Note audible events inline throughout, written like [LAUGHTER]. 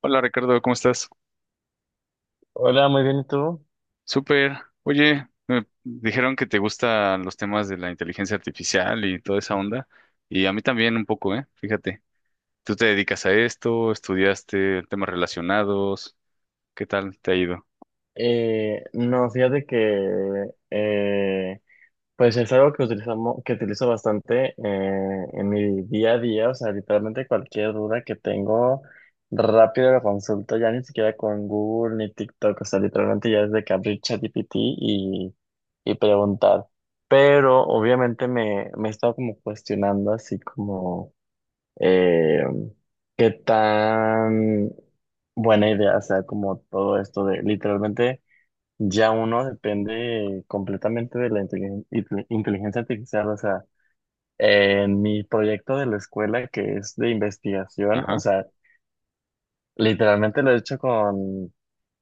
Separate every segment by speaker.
Speaker 1: Hola Ricardo, ¿cómo estás?
Speaker 2: Hola, muy bien, ¿y tú?
Speaker 1: Súper. Oye, me dijeron que te gustan los temas de la inteligencia artificial y toda esa onda, y a mí también un poco, ¿eh? Fíjate, tú te dedicas a esto, estudiaste temas relacionados, ¿qué tal te ha ido?
Speaker 2: No, fíjate que pues es algo que utilizamos, que utilizo bastante en mi día a día, o sea, literalmente cualquier duda que tengo, rápido la consulto, ya ni siquiera con Google ni TikTok, o sea, literalmente ya desde que abrí ChatGPT y preguntar. Pero obviamente me he estado como cuestionando así como eh, qué tan buena idea sea como todo esto de literalmente ya uno depende completamente de la inteligencia artificial. O sea, en mi proyecto de la escuela que es de investigación, o
Speaker 1: Ajá.
Speaker 2: sea, literalmente lo he hecho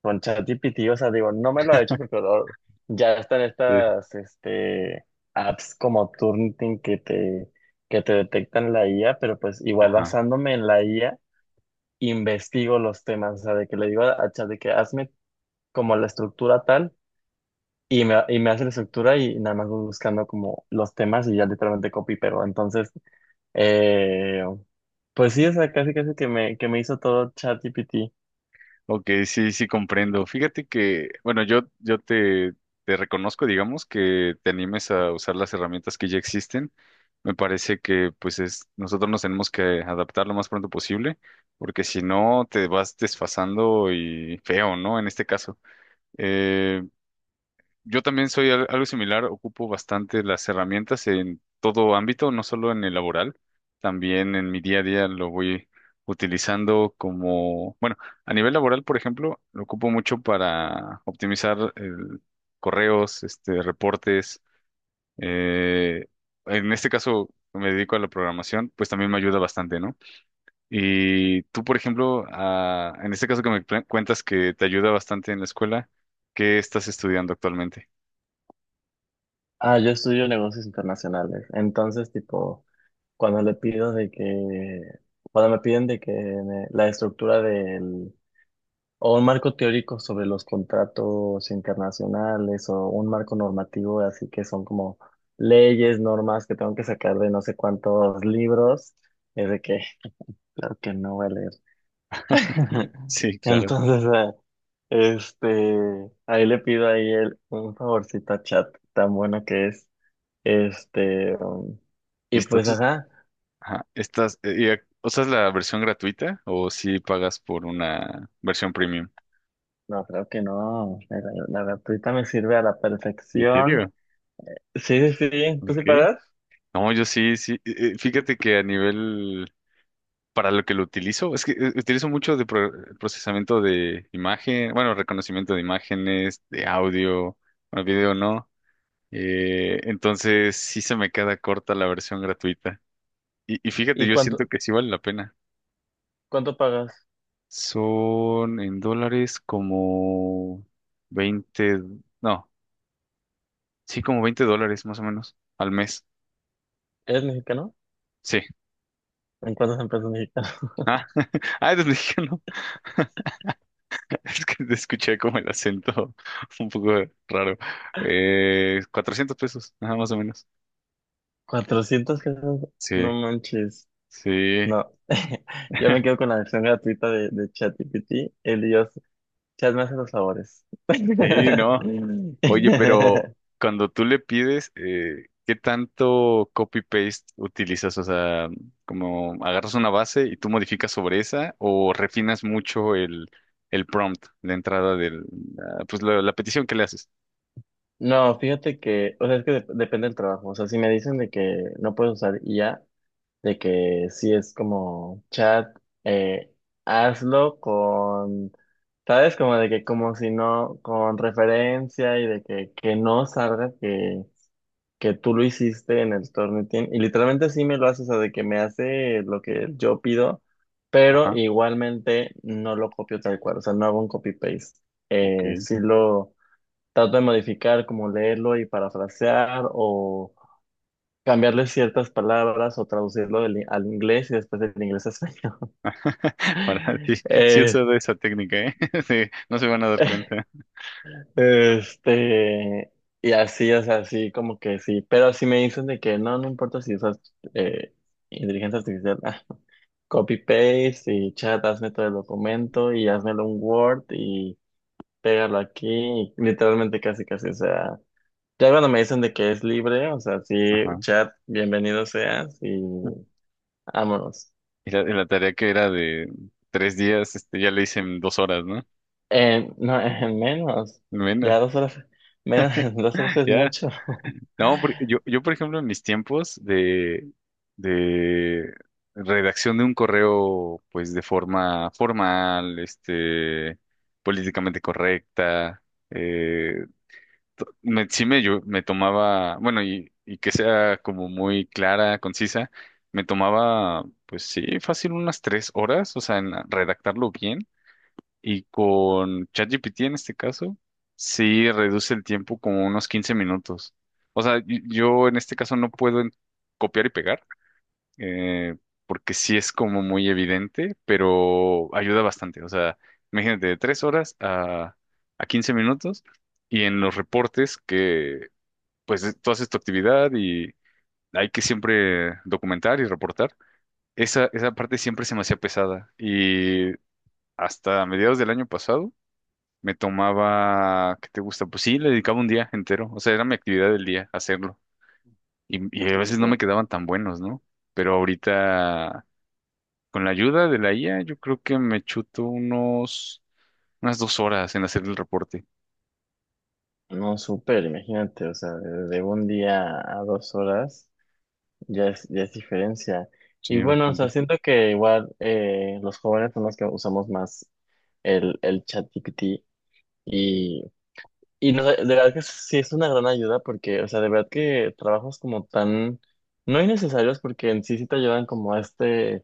Speaker 2: con ChatGPT. O sea, digo, no me lo ha hecho porque ya están
Speaker 1: Sí.
Speaker 2: estas apps como Turnitin que que te detectan la IA, pero pues igual
Speaker 1: Ajá.
Speaker 2: basándome en la IA investigo los temas, o sea, de que le digo a Chat de que hazme como la estructura tal y y me hace la estructura y nada más voy buscando como los temas y ya literalmente copy, pero entonces, eh, pues sí, o sea, casi casi que que me hizo todo ChatGPT.
Speaker 1: Ok, sí, sí comprendo. Fíjate que, bueno, yo te reconozco, digamos, que te animes a usar las herramientas que ya existen. Me parece que, pues, es, nosotros nos tenemos que adaptar lo más pronto posible, porque si no, te vas desfasando y feo, ¿no? En este caso. Eh, yo también soy algo similar, ocupo bastante las herramientas en todo ámbito, no solo en el laboral, también en mi día a día lo voy utilizando como, bueno, a nivel laboral, por ejemplo, lo ocupo mucho para optimizar correos, este, reportes. eh, en este caso me dedico a la programación, pues también me ayuda bastante, ¿no? Y tú, por ejemplo, en este caso que me cuentas que te ayuda bastante en la escuela, ¿qué estás estudiando actualmente?
Speaker 2: Ah, yo estudio negocios internacionales, entonces tipo, cuando le pido de cuando me piden de que la estructura del o un marco teórico sobre los contratos internacionales o un marco normativo, así que son como leyes, normas que tengo que sacar de no sé cuántos libros, es de que, [LAUGHS] claro que no voy a leer. [LAUGHS]
Speaker 1: Sí, claro.
Speaker 2: Entonces, este, ahí le pido ahí un favorcito a Chat, tan bueno que es. Este,
Speaker 1: Y
Speaker 2: y pues,
Speaker 1: estás,
Speaker 2: ajá,
Speaker 1: ajá, estás, y, ¿usas la versión gratuita o si pagas por una versión premium?
Speaker 2: no, creo que no, la gratuita me sirve a la
Speaker 1: ¿En
Speaker 2: perfección.
Speaker 1: serio?
Speaker 2: Sí, sí, sí, ¿tú sí
Speaker 1: Ok.
Speaker 2: pagas?
Speaker 1: No, yo sí, sí. Fíjate que a nivel, para lo que lo utilizo, es que utilizo mucho de procesamiento de imagen, bueno, reconocimiento de imágenes, de audio, bueno, video no. Entonces sí se me queda corta la versión gratuita. Y fíjate,
Speaker 2: ¿Y
Speaker 1: yo
Speaker 2: cuánto?
Speaker 1: siento que sí vale la pena.
Speaker 2: ¿Cuánto pagas?
Speaker 1: Son en dólares como 20 no, sí, como 20 dólares más o menos al mes.
Speaker 2: ¿Eres mexicano?
Speaker 1: Sí.
Speaker 2: ¿En cuántas empresas mexicanas?
Speaker 1: [LAUGHS] Ah, eres mexicano. [LAUGHS] Es que te escuché como el acento [LAUGHS] un poco raro. $400, nada más o menos.
Speaker 2: [LAUGHS] ¿400 pesos?
Speaker 1: Sí,
Speaker 2: No manches.
Speaker 1: sí,
Speaker 2: No. [LAUGHS] Yo me quedo con la versión gratuita de ChatGPT. El Dios, Chat me hace los favores. [LAUGHS]
Speaker 1: sí, no. Oye, pero cuando tú le pides, ¿qué tanto copy-paste utilizas? O sea, como agarras una base y tú modificas sobre esa o refinas mucho el prompt, la entrada del ah, pues la petición que le haces.
Speaker 2: No, fíjate que, o sea, es que depende del trabajo. O sea, si me dicen de que no puedes usar IA, de que sí es como chat, eh, hazlo con, ¿sabes? Como de que como si no, con referencia y de que no salga que tú lo hiciste en el Tornitin. Y literalmente sí me lo hace, o sea, de que me hace lo que yo pido, pero
Speaker 1: Ajá,
Speaker 2: igualmente no lo copio tal cual, o sea, no hago un copy-paste.
Speaker 1: ok.
Speaker 2: Sí lo trato de modificar, como leerlo y parafrasear o cambiarle ciertas palabras o traducirlo al inglés y después del inglés a español.
Speaker 1: [LAUGHS] Para sí,
Speaker 2: [LAUGHS]
Speaker 1: sí he
Speaker 2: Eh,
Speaker 1: usado esa técnica, ¿eh? [LAUGHS] Sí, no se van a dar cuenta.
Speaker 2: este, y así, o sea, así como que sí, pero si me dicen de que no, no importa si usas eh, inteligencia artificial, ah, copy paste y chat, hazme todo el documento y házmelo un Word y pégalo aquí, y literalmente casi casi, o sea, ya cuando me dicen de que es libre, o sea, sí,
Speaker 1: Ajá.
Speaker 2: chat, bienvenido seas y vámonos.
Speaker 1: Y y la tarea que era de 3 días, este, ya le hice en 2 horas, ¿no?
Speaker 2: No, [LAUGHS] menos. Ya
Speaker 1: Bueno,
Speaker 2: 2 horas, menos, [LAUGHS] 2 horas
Speaker 1: [LAUGHS]
Speaker 2: es
Speaker 1: ya.
Speaker 2: mucho.
Speaker 1: No, porque
Speaker 2: [LAUGHS]
Speaker 1: yo, por ejemplo, en mis tiempos de redacción de un correo, pues de forma formal, este, políticamente correcta, eh, yo, me tomaba, bueno, y que sea como muy clara, concisa, me tomaba, pues sí, fácil unas 3 horas, o sea, en redactarlo bien y con ChatGPT en este caso, sí reduce el tiempo como unos 15 minutos. O sea, yo en este caso no puedo copiar y pegar, eh, porque sí es como muy evidente, pero ayuda bastante. O sea, imagínate, de 3 horas a 15 minutos y en los reportes que, pues, tú haces tu actividad y hay que siempre documentar y reportar. Esa parte siempre se me hacía pesada y hasta mediados del año pasado me tomaba, ¿qué te gusta? Pues sí, le dedicaba un día entero, o sea, era mi actividad del día, hacerlo. Y a
Speaker 2: Sí,
Speaker 1: veces
Speaker 2: sí.
Speaker 1: no me quedaban tan buenos, ¿no? Pero ahorita, con la ayuda de la IA, yo creo que me chuto unos, unas 2 horas en hacer el reporte.
Speaker 2: No, súper, imagínate, o sea, de un día a 2 horas ya es diferencia. Y
Speaker 1: Sí,
Speaker 2: bueno, o sea,
Speaker 1: bastante.
Speaker 2: siento que igual los jóvenes son los que usamos más el ChatGPT y, y no, de verdad que sí es una gran ayuda porque, o sea, de verdad que trabajos como tan, no innecesarios porque en sí sí te ayudan como a este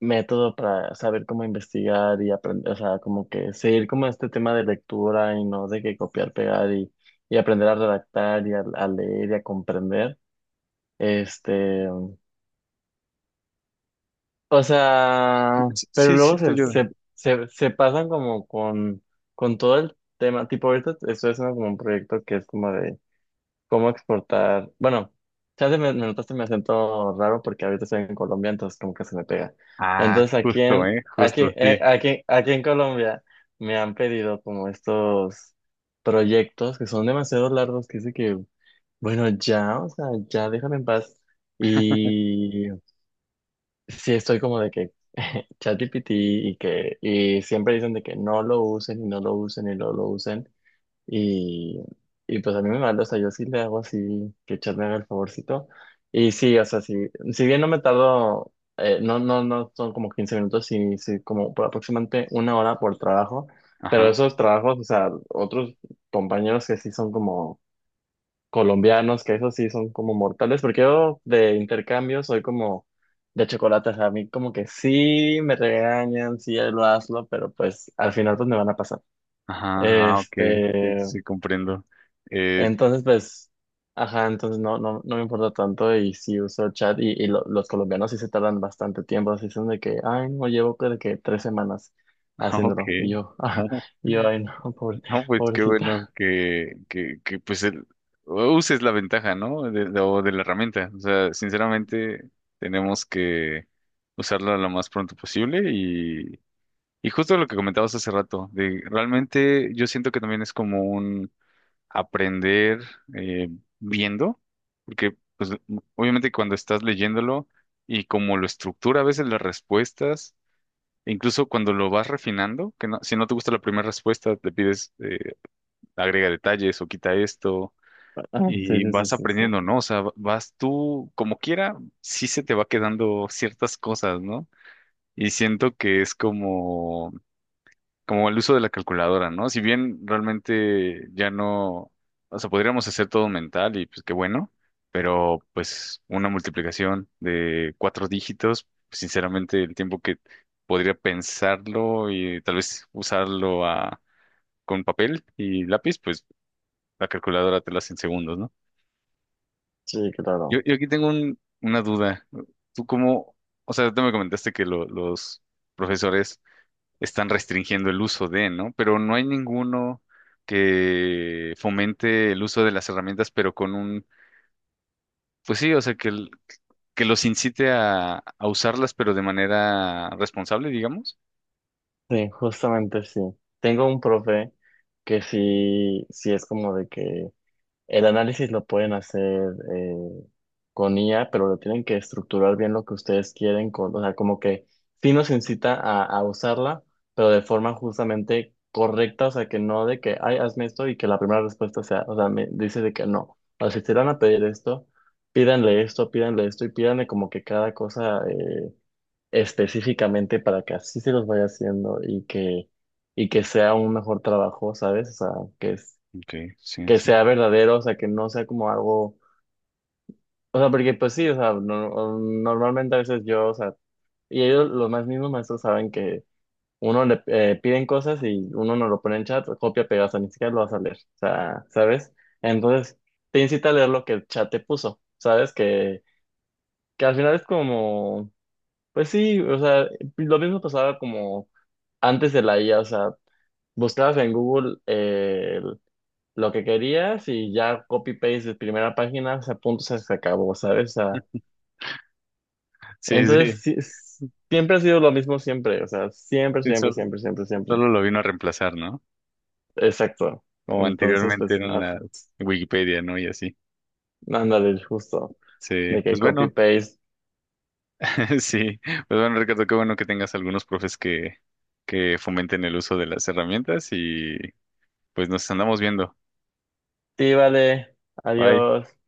Speaker 2: método para saber cómo investigar y aprender, o sea, como que seguir como este tema de lectura y no de que copiar, pegar y aprender a redactar y a leer y a comprender. Este, o
Speaker 1: Sí,
Speaker 2: sea, pero
Speaker 1: sí, sí
Speaker 2: luego
Speaker 1: te ayuda.
Speaker 2: se pasan como con todo el tema, tipo ahorita estoy haciendo como un proyecto que es como de cómo exportar. Bueno, ya me notaste mi acento raro porque ahorita estoy en Colombia, entonces como que se me pega.
Speaker 1: Ah,
Speaker 2: Entonces
Speaker 1: justo, ¿eh? Justo, sí.
Speaker 2: aquí en Colombia me han pedido como estos proyectos que son demasiado largos, que dice que, bueno, ya, o sea, ya déjame en paz. Y sí estoy como de que [LAUGHS] ChatGPT y siempre dicen de que no lo usen y no lo usen y no lo usen. Y, y pues a mí me manda, o sea, yo sí le hago así, que Chad me haga el favorcito. Y sí, o sea, sí, si bien no me tardo, no, no, no son como 15 minutos, sí, sí, como por aproximadamente una hora por trabajo, pero
Speaker 1: Ajá,
Speaker 2: esos trabajos, o sea, otros compañeros que sí son como colombianos, que esos sí son como mortales, porque yo de intercambio soy como de chocolate, o sea, a mí como que sí me regañan, sí lo hazlo, pero pues al final pues me van a pasar.
Speaker 1: ajá, ah, ok, sí,
Speaker 2: Este,
Speaker 1: sí, comprendo. Eh,
Speaker 2: entonces, pues, ajá, entonces no, no, no me importa tanto y sí uso chat y los colombianos sí se tardan bastante tiempo, así son de que, ay, no, llevo creo que 3 semanas
Speaker 1: [LAUGHS] ok.
Speaker 2: haciéndolo y yo, [LAUGHS] ah,
Speaker 1: [LAUGHS]
Speaker 2: y yo, ay, no,
Speaker 1: No, pues qué bueno
Speaker 2: pobrecita. [LAUGHS]
Speaker 1: que pues uses la ventaja, ¿no? De, o de la herramienta. O sea, sinceramente tenemos que usarla lo más pronto posible y justo lo que comentabas hace rato, de realmente yo siento que también es como un aprender eh, viendo, porque pues obviamente cuando estás leyéndolo y como lo estructura a veces las respuestas, e incluso cuando lo vas refinando, que no, si no te gusta la primera respuesta, te pides... agrega detalles o quita esto
Speaker 2: Ah, sí,
Speaker 1: y
Speaker 2: sí, sí,
Speaker 1: vas
Speaker 2: sí, sí,
Speaker 1: aprendiendo, ¿no? O sea, vas tú como quiera, sí se te va quedando ciertas cosas, ¿no? Y siento que es como, como el uso de la calculadora, ¿no? Si bien realmente ya no, o sea, podríamos hacer todo mental y pues qué bueno, pero pues una multiplicación de 4 dígitos, sinceramente el tiempo que podría pensarlo y tal vez usarlo con papel y lápiz, pues la calculadora te lo hace en segundos, ¿no?
Speaker 2: sí, claro.
Speaker 1: Yo aquí tengo una duda. ¿Tú cómo, o sea, tú me comentaste que los profesores están restringiendo el uso de, ¿no? Pero no hay ninguno que fomente el uso de las herramientas, pero con un, pues sí, o sea, que, que los incite a usarlas, pero de manera responsable, digamos.
Speaker 2: Sí, justamente sí. Tengo un profe que sí, sí es como de que el análisis lo pueden hacer eh, con IA, pero lo tienen que estructurar bien lo que ustedes quieren, o sea, como que sí nos incita a usarla, pero de forma justamente correcta, o sea, que no de que, ay, hazme esto y que la primera respuesta sea, o sea, me dice de que no. O sea, si te van a pedir esto, pídanle esto, pídanle esto y pídanle como que cada cosa específicamente para que así se los vaya haciendo y que sea un mejor trabajo, ¿sabes? O sea, que es
Speaker 1: Ok, sí,
Speaker 2: que
Speaker 1: sí.
Speaker 2: sea verdadero, o sea, que no sea como algo, o sea, porque pues sí, o sea, normalmente a veces yo, o sea, y ellos, los más mismos maestros saben que uno le piden cosas y uno no lo pone en chat, copia, pega, o sea, ni siquiera lo vas a leer, o sea, ¿sabes? Entonces, te incita a leer lo que el chat te puso, ¿sabes? Que al final es como, pues sí, o sea, lo mismo pasaba como antes de la IA, o sea, buscabas en Google lo que querías y ya copy-paste de primera página, o sea, punto, se acabó, ¿sabes? O sea,
Speaker 1: Sí,
Speaker 2: entonces,
Speaker 1: sí,
Speaker 2: sí, siempre ha sido lo mismo, siempre, o sea, siempre,
Speaker 1: sí,
Speaker 2: siempre,
Speaker 1: solo,
Speaker 2: siempre, siempre, siempre.
Speaker 1: solo lo vino a reemplazar, ¿no?
Speaker 2: Exacto.
Speaker 1: Como
Speaker 2: Entonces,
Speaker 1: anteriormente
Speaker 2: pues,
Speaker 1: eran
Speaker 2: ajá,
Speaker 1: las Wikipedia, ¿no? Y así.
Speaker 2: ándale, justo,
Speaker 1: Sí,
Speaker 2: de que
Speaker 1: pues bueno.
Speaker 2: copy-paste,
Speaker 1: [LAUGHS] Sí, pues bueno, Ricardo, qué bueno que tengas algunos profes que fomenten el uso de las herramientas y pues nos andamos viendo.
Speaker 2: sí, vale,
Speaker 1: Bye.
Speaker 2: adiós.